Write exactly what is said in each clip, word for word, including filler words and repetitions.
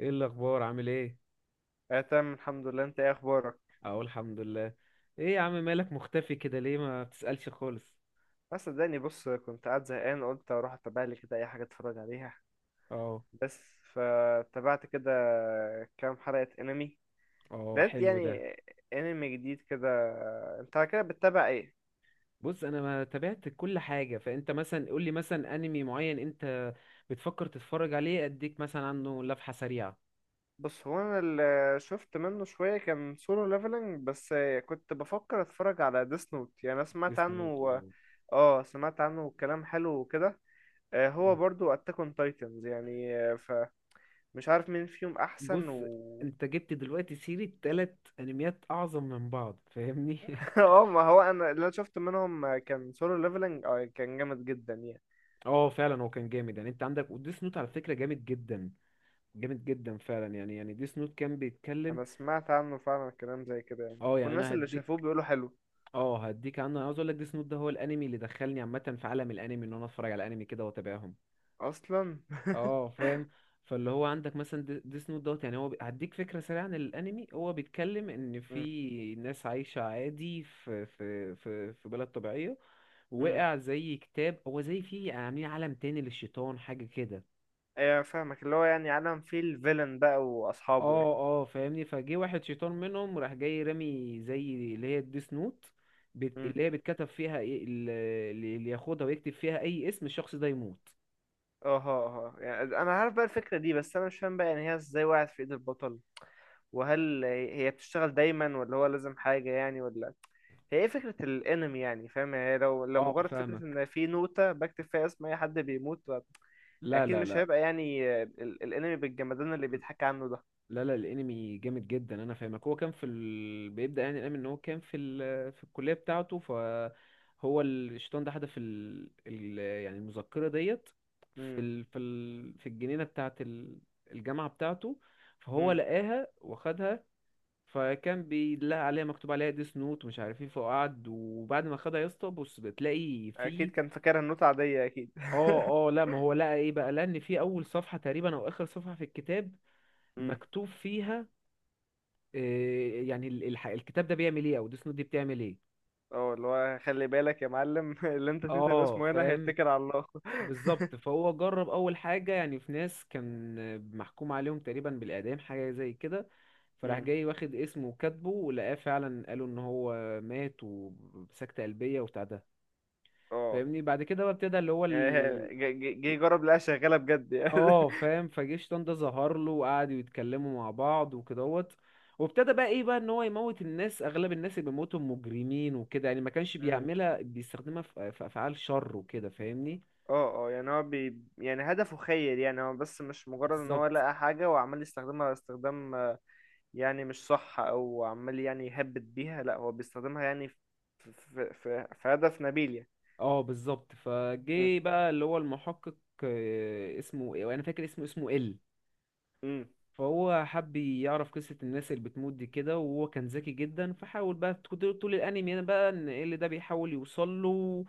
ايه الاخبار؟ عامل ايه؟ اه تمام، الحمد لله. انت ايه اخبارك؟ اقول الحمد لله. ايه يا عم، مالك مختفي كده ليه؟ ما بتسألش خالص؟ بس صدقني بص، كنت قاعد زهقان، قلت اروح اتابع لي كده اي حاجه اتفرج عليها. اه، بس فتابعت كده كام حلقه انمي. اه، لقيت حلو ده. يعني انمي جديد كده. انت على كده بتتابع ايه؟ بص، انا ما تابعت كل حاجة. فانت مثلا قول لي مثلا انمي معين انت بتفكر تتفرج عليه، اديك مثلا عنه لفحة سريعة. بص، هو انا اللي شفت منه شويه كان سولو ليفلنج بس. كنت بفكر اتفرج على ديس نوت، يعني انا سمعت اسمه عنه. تومو. اه سمعت عنه كلام حلو وكده. آه، هو مم. برضو اتاك اون تايتنز، يعني آه، فمش عارف مين فيهم احسن بص، و... انت جبت دلوقتي سيرة تلات انميات اعظم من بعض، فاهمني؟ اه، ما هو انا اللي انا شفت منهم كان سولو ليفلنج، اه كان جامد جدا يعني. اه، فعلا هو كان جامد يعني. انت عندك وديس نوت على فكرة، جامد جدا جامد جدا فعلا يعني يعني ديس نوت كان بيتكلم. انا سمعت عنه فعلا كلام زي كده يعني، اه، يعني والناس انا اللي هديك. شافوه بيقولوا حلو اه، هديك عنه. انا عاوز اقول لك ديس نوت ده هو الانمي اللي دخلني عامه في عالم الانمي، ان انا اتفرج على الانمي كده واتابعهم. اصلا. اه، فاهم. فاللي هو عندك مثلا دي- ديس نوت دوت. يعني هو بي- هديك فكره سريعه عن الانمي. هو بيتكلم ان امم في ناس عايشه عادي في في في في بلد طبيعيه. امم وقع زي كتاب. هو زي في عاملين عالم تاني للشيطان، حاجه كده. ايه، فاهمك اللي هو يعني عالم فيه الفيلن بقى واصحابه يعني. اه، اه، فاهمني. فجه واحد شيطان منهم راح جاي رامي زي اللي هي الديس نوت. بت... امم اللي هي بتكتب فيها ايه ال- اللي ياخدها ويكتب فيها اي اسم الشخص ده يموت. اه اه أه. يعني انا عارف بقى الفكره دي، بس انا مش فاهم بقى يعني هي ازاي وقعت في ايد البطل؟ وهل هي بتشتغل دايما، ولا هو لازم حاجه يعني، ولا هي ايه فكرة الانمي؟ يعني فاهم يعني، لو لو اه، مجرد فكرة فاهمك. ان في نوتة بكتب فيها اسم اي حد بيموت، لا، اكيد لا، مش لا. هيبقى يعني. آه، ال- الانمي بالجمدان اللي بيتحكى عنه ده. لا، لا، الانمي جامد جدا، انا فاهمك. هو كان في ال... بيبدأ يعني الانمي ان هو كان في ال... في الكلية بتاعته. فهو الشيطان ده حدف ال... ال... يعني المذكرة ديت في امم ال... في ال... في الجنينة بتاعت ال... الجامعة بتاعته. فهو امم لقاها واخدها. فكان بيلاقي عليها مكتوب عليها ديس نوت ومش عارف ايه، فقعد. وبعد ما خدها يا اسطى، بص، بتلاقي اكيد فيه. كان فاكرها النوت عاديه، اكيد. اه، اه، لا، ما هو لقى ايه بقى. لان في اول صفحة تقريبا او اخر صفحة في الكتاب امم مكتوب فيها إيه يعني ال- الح- الكتاب ده بيعمل ايه، او ديس نوت دي بتعمل ايه. اه اللي هو خلي بالك يا معلم اللي انت تكتب اه، اسمه هنا فاهم. هيتكل على الله. بالظبط. فهو جرب اول حاجة يعني. في ناس كان محكوم عليهم تقريبا بالاعدام، حاجة زي كده. فراح امم جاي واخد اسمه وكاتبه، ولقاه فعلا قالوا ان هو مات وسكتة قلبية وبتاع ده، اه، فاهمني؟ بعد كده بقى ابتدى اللي هو يعني هي- ال... جه جه- جه يجرب، لقاها شغاله بجد يعني. اه، فاهم. فجيش طنطا ظهر له، وقعدوا يتكلموا مع بعض وكدهوت. وابتدى بقى ايه بقى، ان هو يموت الناس. اغلب الناس اللي بيموتوا مجرمين وكده يعني، ما كانش امم بيعملها، بيستخدمها في في افعال شر وكده، فاهمني. اه اه، يعني هو بي يعني هدفه خير يعني. هو بس مش مجرد ان بالظبط. هو لقى حاجه وعمال يستخدمها استخدام آه، يعني مش صح، او عمال يعني يهبد بيها، لا هو بيستخدمها يعني في في في, في هدف نبيل اه، بالظبط. يعني. فجه بقى اللي هو المحقق. آه، اسمه إيه؟ انا فاكر اسمه اسمه ال مم. فهو حب يعرف قصة الناس اللي بتموت دي كده، وهو كان ذكي جدا. فحاول بقى، كنت طول الانمي انا بقى ان إيه اللي ده بيحاول يوصل له،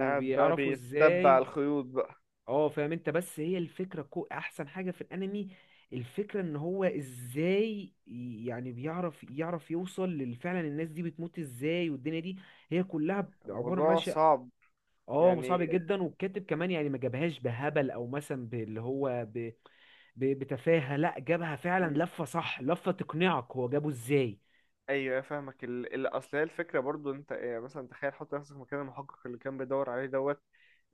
قاعد بقى بيتبع ازاي. الخيوط بقى. اه، فاهم انت. بس هي الفكرة كو احسن حاجة في الانمي. الفكرة ان هو ازاي ي- يعني بيعرف يعرف يوصل لل- فعلا الناس دي بتموت ازاي، والدنيا دي هي كلها عبارة الموضوع ماشية. صعب اه، يعني. صعب جدا. والكاتب كمان يعني ما جابهاش بهبل، او مثلا باللي هو ب... ب... بتفاهة. لا، جابها مم. فعلا لفة صح، لفة تقنعك هو جابه ازاي. ايوه فاهمك ال... ال... اصل هي الفكره برضو، انت إيه، يعني مثلا تخيل، حط نفسك مكان المحقق اللي كان بيدور عليه دوت.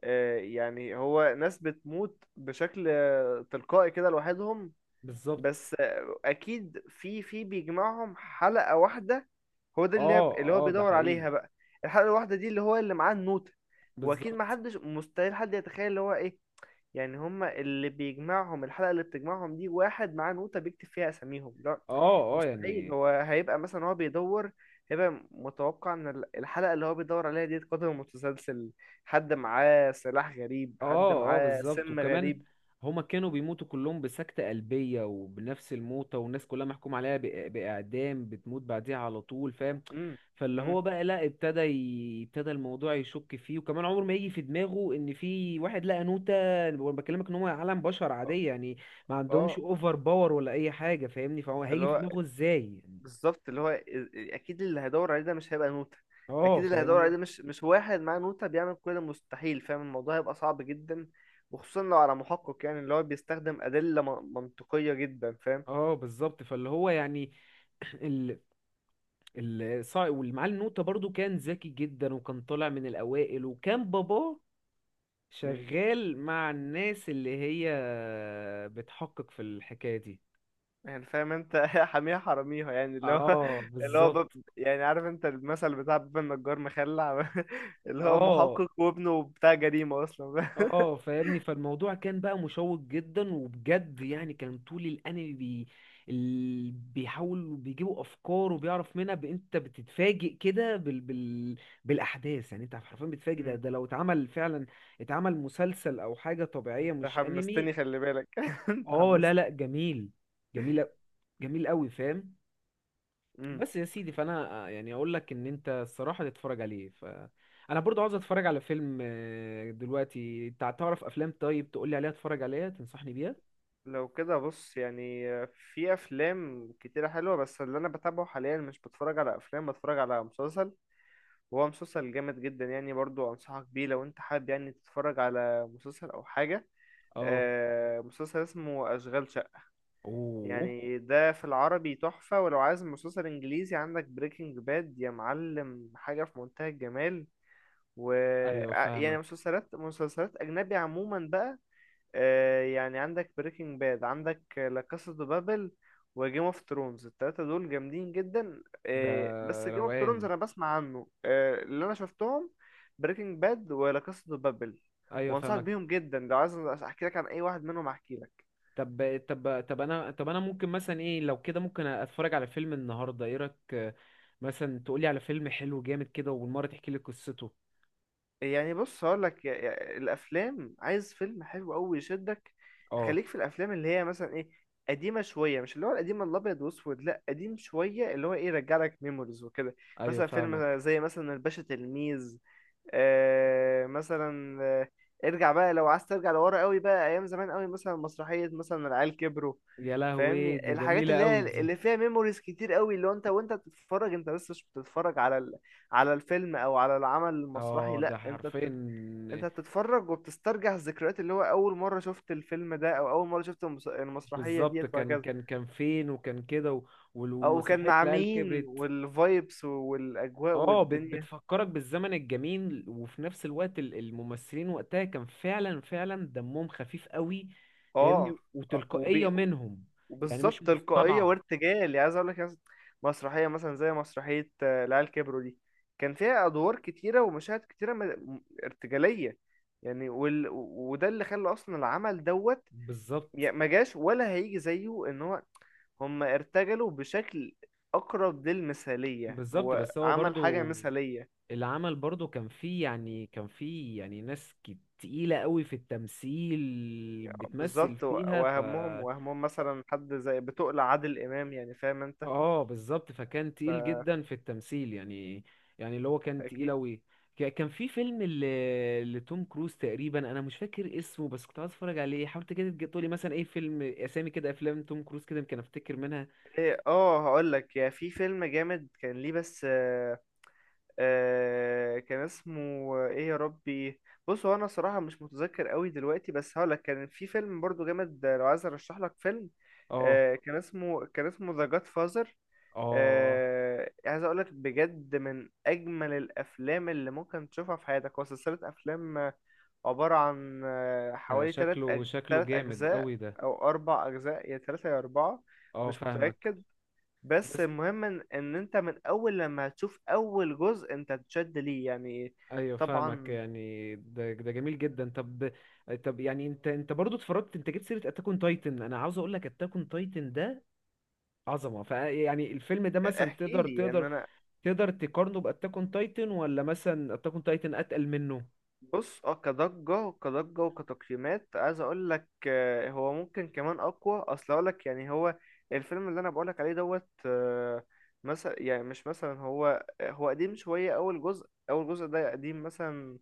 آه يعني هو ناس بتموت بشكل آه، تلقائي كده لوحدهم. بالظبط. بس آه، اكيد في في بيجمعهم حلقه واحده. هو ده اللي هي- اه، اللي هو اه، ده بيدور حقيقي. عليها بقى. الحلقه الواحده دي اللي هو اللي معاه النوتة. واكيد ما بالظبط. حدش مستحيل حد يتخيل اللي هو ايه. يعني هما اللي بيجمعهم الحلقة اللي بتجمعهم دي واحد معاه نوتة بيكتب فيها أساميهم؟ لا، اه، اه، مستحيل. يعني. هو هيبقى مثلا هو بيدور. هيبقى متوقع إن ال- الحلقة اللي هو بيدور عليها دي قدم متسلسل، حد معاه سلاح غريب، حد اه، اه، معاه بالظبط. سم وكمان غريب. هما كانوا بيموتوا كلهم بسكتة قلبية وبنفس الموتة. والناس كلها محكوم عليها بإ- بإعدام، بتموت بعديها على طول، فاهم. امم فاللي امم هو بقى لا، ابتدى، ي- ابتدى الموضوع يشك فيه. وكمان عمره ما يجي في دماغه ان في واحد لقى نوتة. وانا بكلمك ان هو عالم بشر اه عادية يعني، ما عندهمش آه، اوفر باور ولا اي حاجة فاهمني. فهو هيجي اللي في هو دماغه ازاي يعني؟ بالظبط اللي هو إز- اكيد اللي هيدور عليه ده مش هيبقى نوتة. اه، اكيد اللي هيدور عليه فاهمني. ده مش مش واحد معاه نوتة بيعمل كل المستحيل، فاهم؟ الموضوع هيبقى صعب جدا، وخصوصا لو على محقق يعني اللي هو بيستخدم أدلة من- منطقية جدا، فاهم؟ اه، بالظبط. فاللي هو يعني. الصا- والمعلم نوتة برضو كان ذكي جدا، وكان طالع من الأوائل، وكان باباه مم. شغال مع الناس اللي هي بتحقق في الحكاية دي. يعني فاهم انت حاميها حراميها يعني اللي هو اه، اللي هو بالظبط. باب. يعني عارف انت المثل بتاع باب النجار مخلع اللي هو اه، محقق وابنه بتاع جريمة اصلا. اه، فاهمني. فالموضوع كان بقى مشوق جدا وبجد يعني. كان طول الانمي بي... ال... بيحاولوا بيجيبوا افكار وبيعرف منها ب... انت بتتفاجئ كده بال... بال... بالاحداث يعني. انت حرفيا بتتفاجئ. ده مم. ده لو اتعمل فعلا، اتعمل مسلسل او حاجه طبيعيه، انت مش انمي. حمستني، خلي بالك انت اه، لا، لا، حمستني. جميل. جميل أ- جميل قوي، فاهم. مم. بس يا سيدي، فانا آه، يعني اقول لك ان انت الصراحه تتفرج عليه. ف انا برضو عاوز اتفرج على فيلم آه، دلوقتي. انت تعرف افلام طيب تقول لي عليها، اتفرج عليها تنصحني بيها. لو كده بص يعني، في افلام كتيرة حلوة، بس اللي انا بتابعه حاليا مش بتفرج على افلام، بتفرج على مسلسل. وهو مسلسل جامد جدا يعني، برضو انصحك بيه لو انت حابب يعني تتفرج على مسلسل او حاجة. اه. آه، مسلسل اسمه اشغال شقة، اوه. يعني ده في العربي تحفة. ولو عايز مسلسل انجليزي، عندك بريكنج باد يا معلم، حاجة في منتهى الجمال. و ايوه، ع- يعني فاهمك. مسلسلات مسلسلات اجنبي عموما بقى، آه، يعني عندك بريكنج باد، عندك لا كاسا دو بابل، وجيم اوف ثرونز. التلاتة دول جامدين جدا، ده آه، بس جيم اوف ثرونز روقان. انا بسمع عنه. آه، اللي انا شفتهم بريكنج باد ولا كاسا دو بابل، ايوه، وانصحك فاهمك. بيهم جدا. لو عايز احكي لك عن اي واحد منهم احكي لك طب طب طب انا طب انا ممكن مثلا ايه لو كده ممكن اتفرج على فيلم النهارده، ايه رايك آه، مثلا تقولي على فيلم حلو جامد كده وبالمره تحكي لي قصته. يعني. بص هقول لك، الافلام، عايز فيلم حلو قوي يشدك، اه، خليك في الافلام اللي هي مثلا ايه، قديمه شويه. مش اللي هو القديم الابيض واسود، لا قديم شويه اللي هو ايه يرجع لك ميموريز وكده. ايوه، مثلا فاهمك. فيلم زي مثلا الباشا تلميذ، آه مثلا آه، ارجع بقى لو عايز ترجع لورا قوي بقى ايام زمان قوي، مثلا مسرحيه مثلا العيال كبروا. يا لهوي، دي فاهمني، الحاجات جميله اللي قوي هي دي. اللي فيها ميموريز كتير قوي، اللي هو انت وانت بتتفرج انت بس مش بتتفرج على على الفيلم او على العمل المسرحي، اه، ده لا انت حرفيا. بت... انت بتتفرج وبتسترجع الذكريات، اللي هو اول مره شفت الفيلم ده، او اول مره شفت المس... المسرحيه بالظبط. ديت، كان وهكذا. كان كان فين، وكان كده، و- وال- او كان ومسرحية مع العيال مين، كبرت. والفايبس والاجواء اه، بت والدنيا. بتفكرك بالزمن الجميل، وفي نفس الوقت ال- الممثلين وقتها كان فعلا فعلا دمهم خفيف قوي، فاهمني. اه آه، وتلقائية وبي... منهم، يعني مش وبالظبط تلقائيه مصطنعة. وارتجال. يعني عايز اقول لك مثلا مسرحيه مثلا زي مسرحيه آه، العيال كبروا دي، كان فيها ادوار كتيره ومشاهد كتيره م... ارتجاليه يعني. وال... وده اللي خلى اصلا العمل دوت بالظبط. يعني ما جاش ولا هيجي زيه. ان هو هم ارتجلوا بشكل اقرب للمثالية، بالظبط، هو بس هو عمل حاجة برضو مثالية العمل برضو كان فيه يعني كان فيه يعني ناس كت- تقيلة قوي في التمثيل يعني. بتمثل بالظبط، و- فيها. ف واهمهم واهمهم مثلا حد زي بتقلع عادل امام يعني، فاهم انت؟ اه، بالظبط. فكان تقيل جدا في التمثيل يعني، يعني اللي هو كان تقيل اكيد. اوي. ك- كان في فيلم ل- لتوم كروز تقريبا، انا مش فاكر اسمه، بس كنت عايز اتفرج عليه. حاولت كده تج- تقولي مثلا ايه فيلم، اسامي كده افلام توم كروز كده يمكن افتكر منها. ايه اه هقول لك، يا في فيلم جامد كان ليه بس آه، آه كان اسمه، ايه يا ربي. بص هو انا صراحة مش متذكر قوي دلوقتي، بس هقول لك كان في فيلم برضو جامد. آه، لو عايز ارشح لك فيلم، اه، آه كان اسمه كان اسمه ذا جاد فازر. اه، آه، عايز اقول لك بجد من اجمل الافلام اللي ممكن تشوفها في حياتك. هو سلسله افلام آه، عباره عن آه، ده حوالي ثلاث شكله أج... شكله ثلاث جامد اجزاء، اوي ده. او اربع اجزاء، يا ثلاثه يا اربعه، اه، مش فاهمك. متاكد. بس بس المهم ان إن انت من اول لما هتشوف اول جزء انت هتشد ليه يعني. ايوه، فاهمك. طبعا يعني ده ده جميل جدا. طب، طب يعني انت انت برضو اتفرجت. انت جبت سيره اتاك اون تايتن. انا عاوز اقول لك اتاك اون تايتن ده عظمه. فيعني الفيلم ده مثلا احكي تقدر لي ان تقدر انا. تقدر تقارنه باتاك اون تايتن، ولا مثلا اتاك اون تايتن اتقل منه؟ بص اه كضجة كضجة وكتقييمات عايز اقول لك، آه، هو ممكن كمان اقوى. اصل اقول لك يعني هو الفيلم اللي انا بقول لك عليه دوت، آه، مثلا يعني مش مثلا، هو هو قديم شوية. اول جزء اول جزء ده قديم، مثلا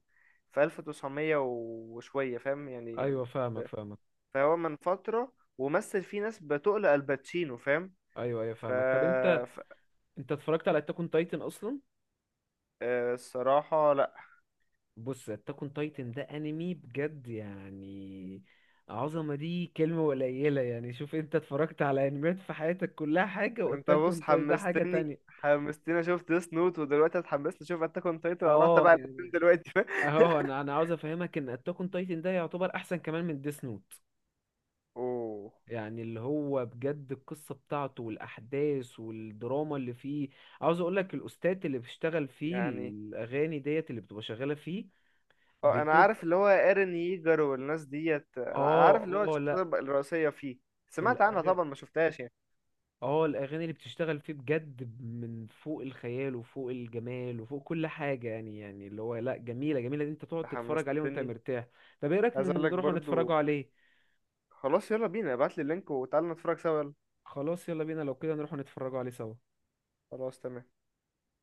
في ألف وتسعمية وشوية فاهم يعني. ايوه، فاهمك، فاهمك. فهو من فترة، ومثل فيه ناس بتقل الباتشينو، فاهم؟ ايوه، ايوه، ف فاهمك. طب انت، ف- انت اتفرجت على اتاك اون تايتن اصلا؟ آه، الصراحة بص، اتاك اون تايتن ده انمي بجد يعني. عظمه دي كلمه قليله يعني. شوف، انت اتفرجت على انميات في حياتك كلها حاجه، انت واتاك بص اون تايتن ده حاجه حمستني، تانية. حمستني اشوف ديس نوت، ودلوقتي اتحمست اشوف اتاك اون تايتن. اروح اه تبع الاثنين يعني، دلوقتي. اهو انا انا عاوز افهمك ان اتاك اون تايتن ده يعتبر احسن كمان من ديس نوت. اوه يعني اللي هو بجد، القصة بتاعته والأحداث والدراما اللي فيه. عاوز أقولك الأستاذ اللي بيشتغل فيه، يعني الأغاني ديت اللي بتبقى شغالة فيه اه، انا عارف بتبقى اللي هو ايرن ييجر والناس ديت، انا عارف اه اللي هو اه لا الشخصيه الرئيسيه فيه. سمعت عنها الأغ- طبعا، ما شفتهاش يعني. اه الأغاني اللي بتشتغل فيه بجد من فوق الخيال وفوق الجمال وفوق كل حاجة يعني. يعني اللي هو لا، جميلة جميلة. دي انت تقعد انت تتفرج عليه وانت حمستني. مرتاح. طب ايه رأيك عايز اقول لك نروح نتفرجوا برضو، عليه؟ خلاص يلا بينا ابعت لي اللينك وتعالى نتفرج سوا، يلا. خلاص، يلا بينا، لو كده نروح نتفرجوا عليه سوا. خلاص تمام.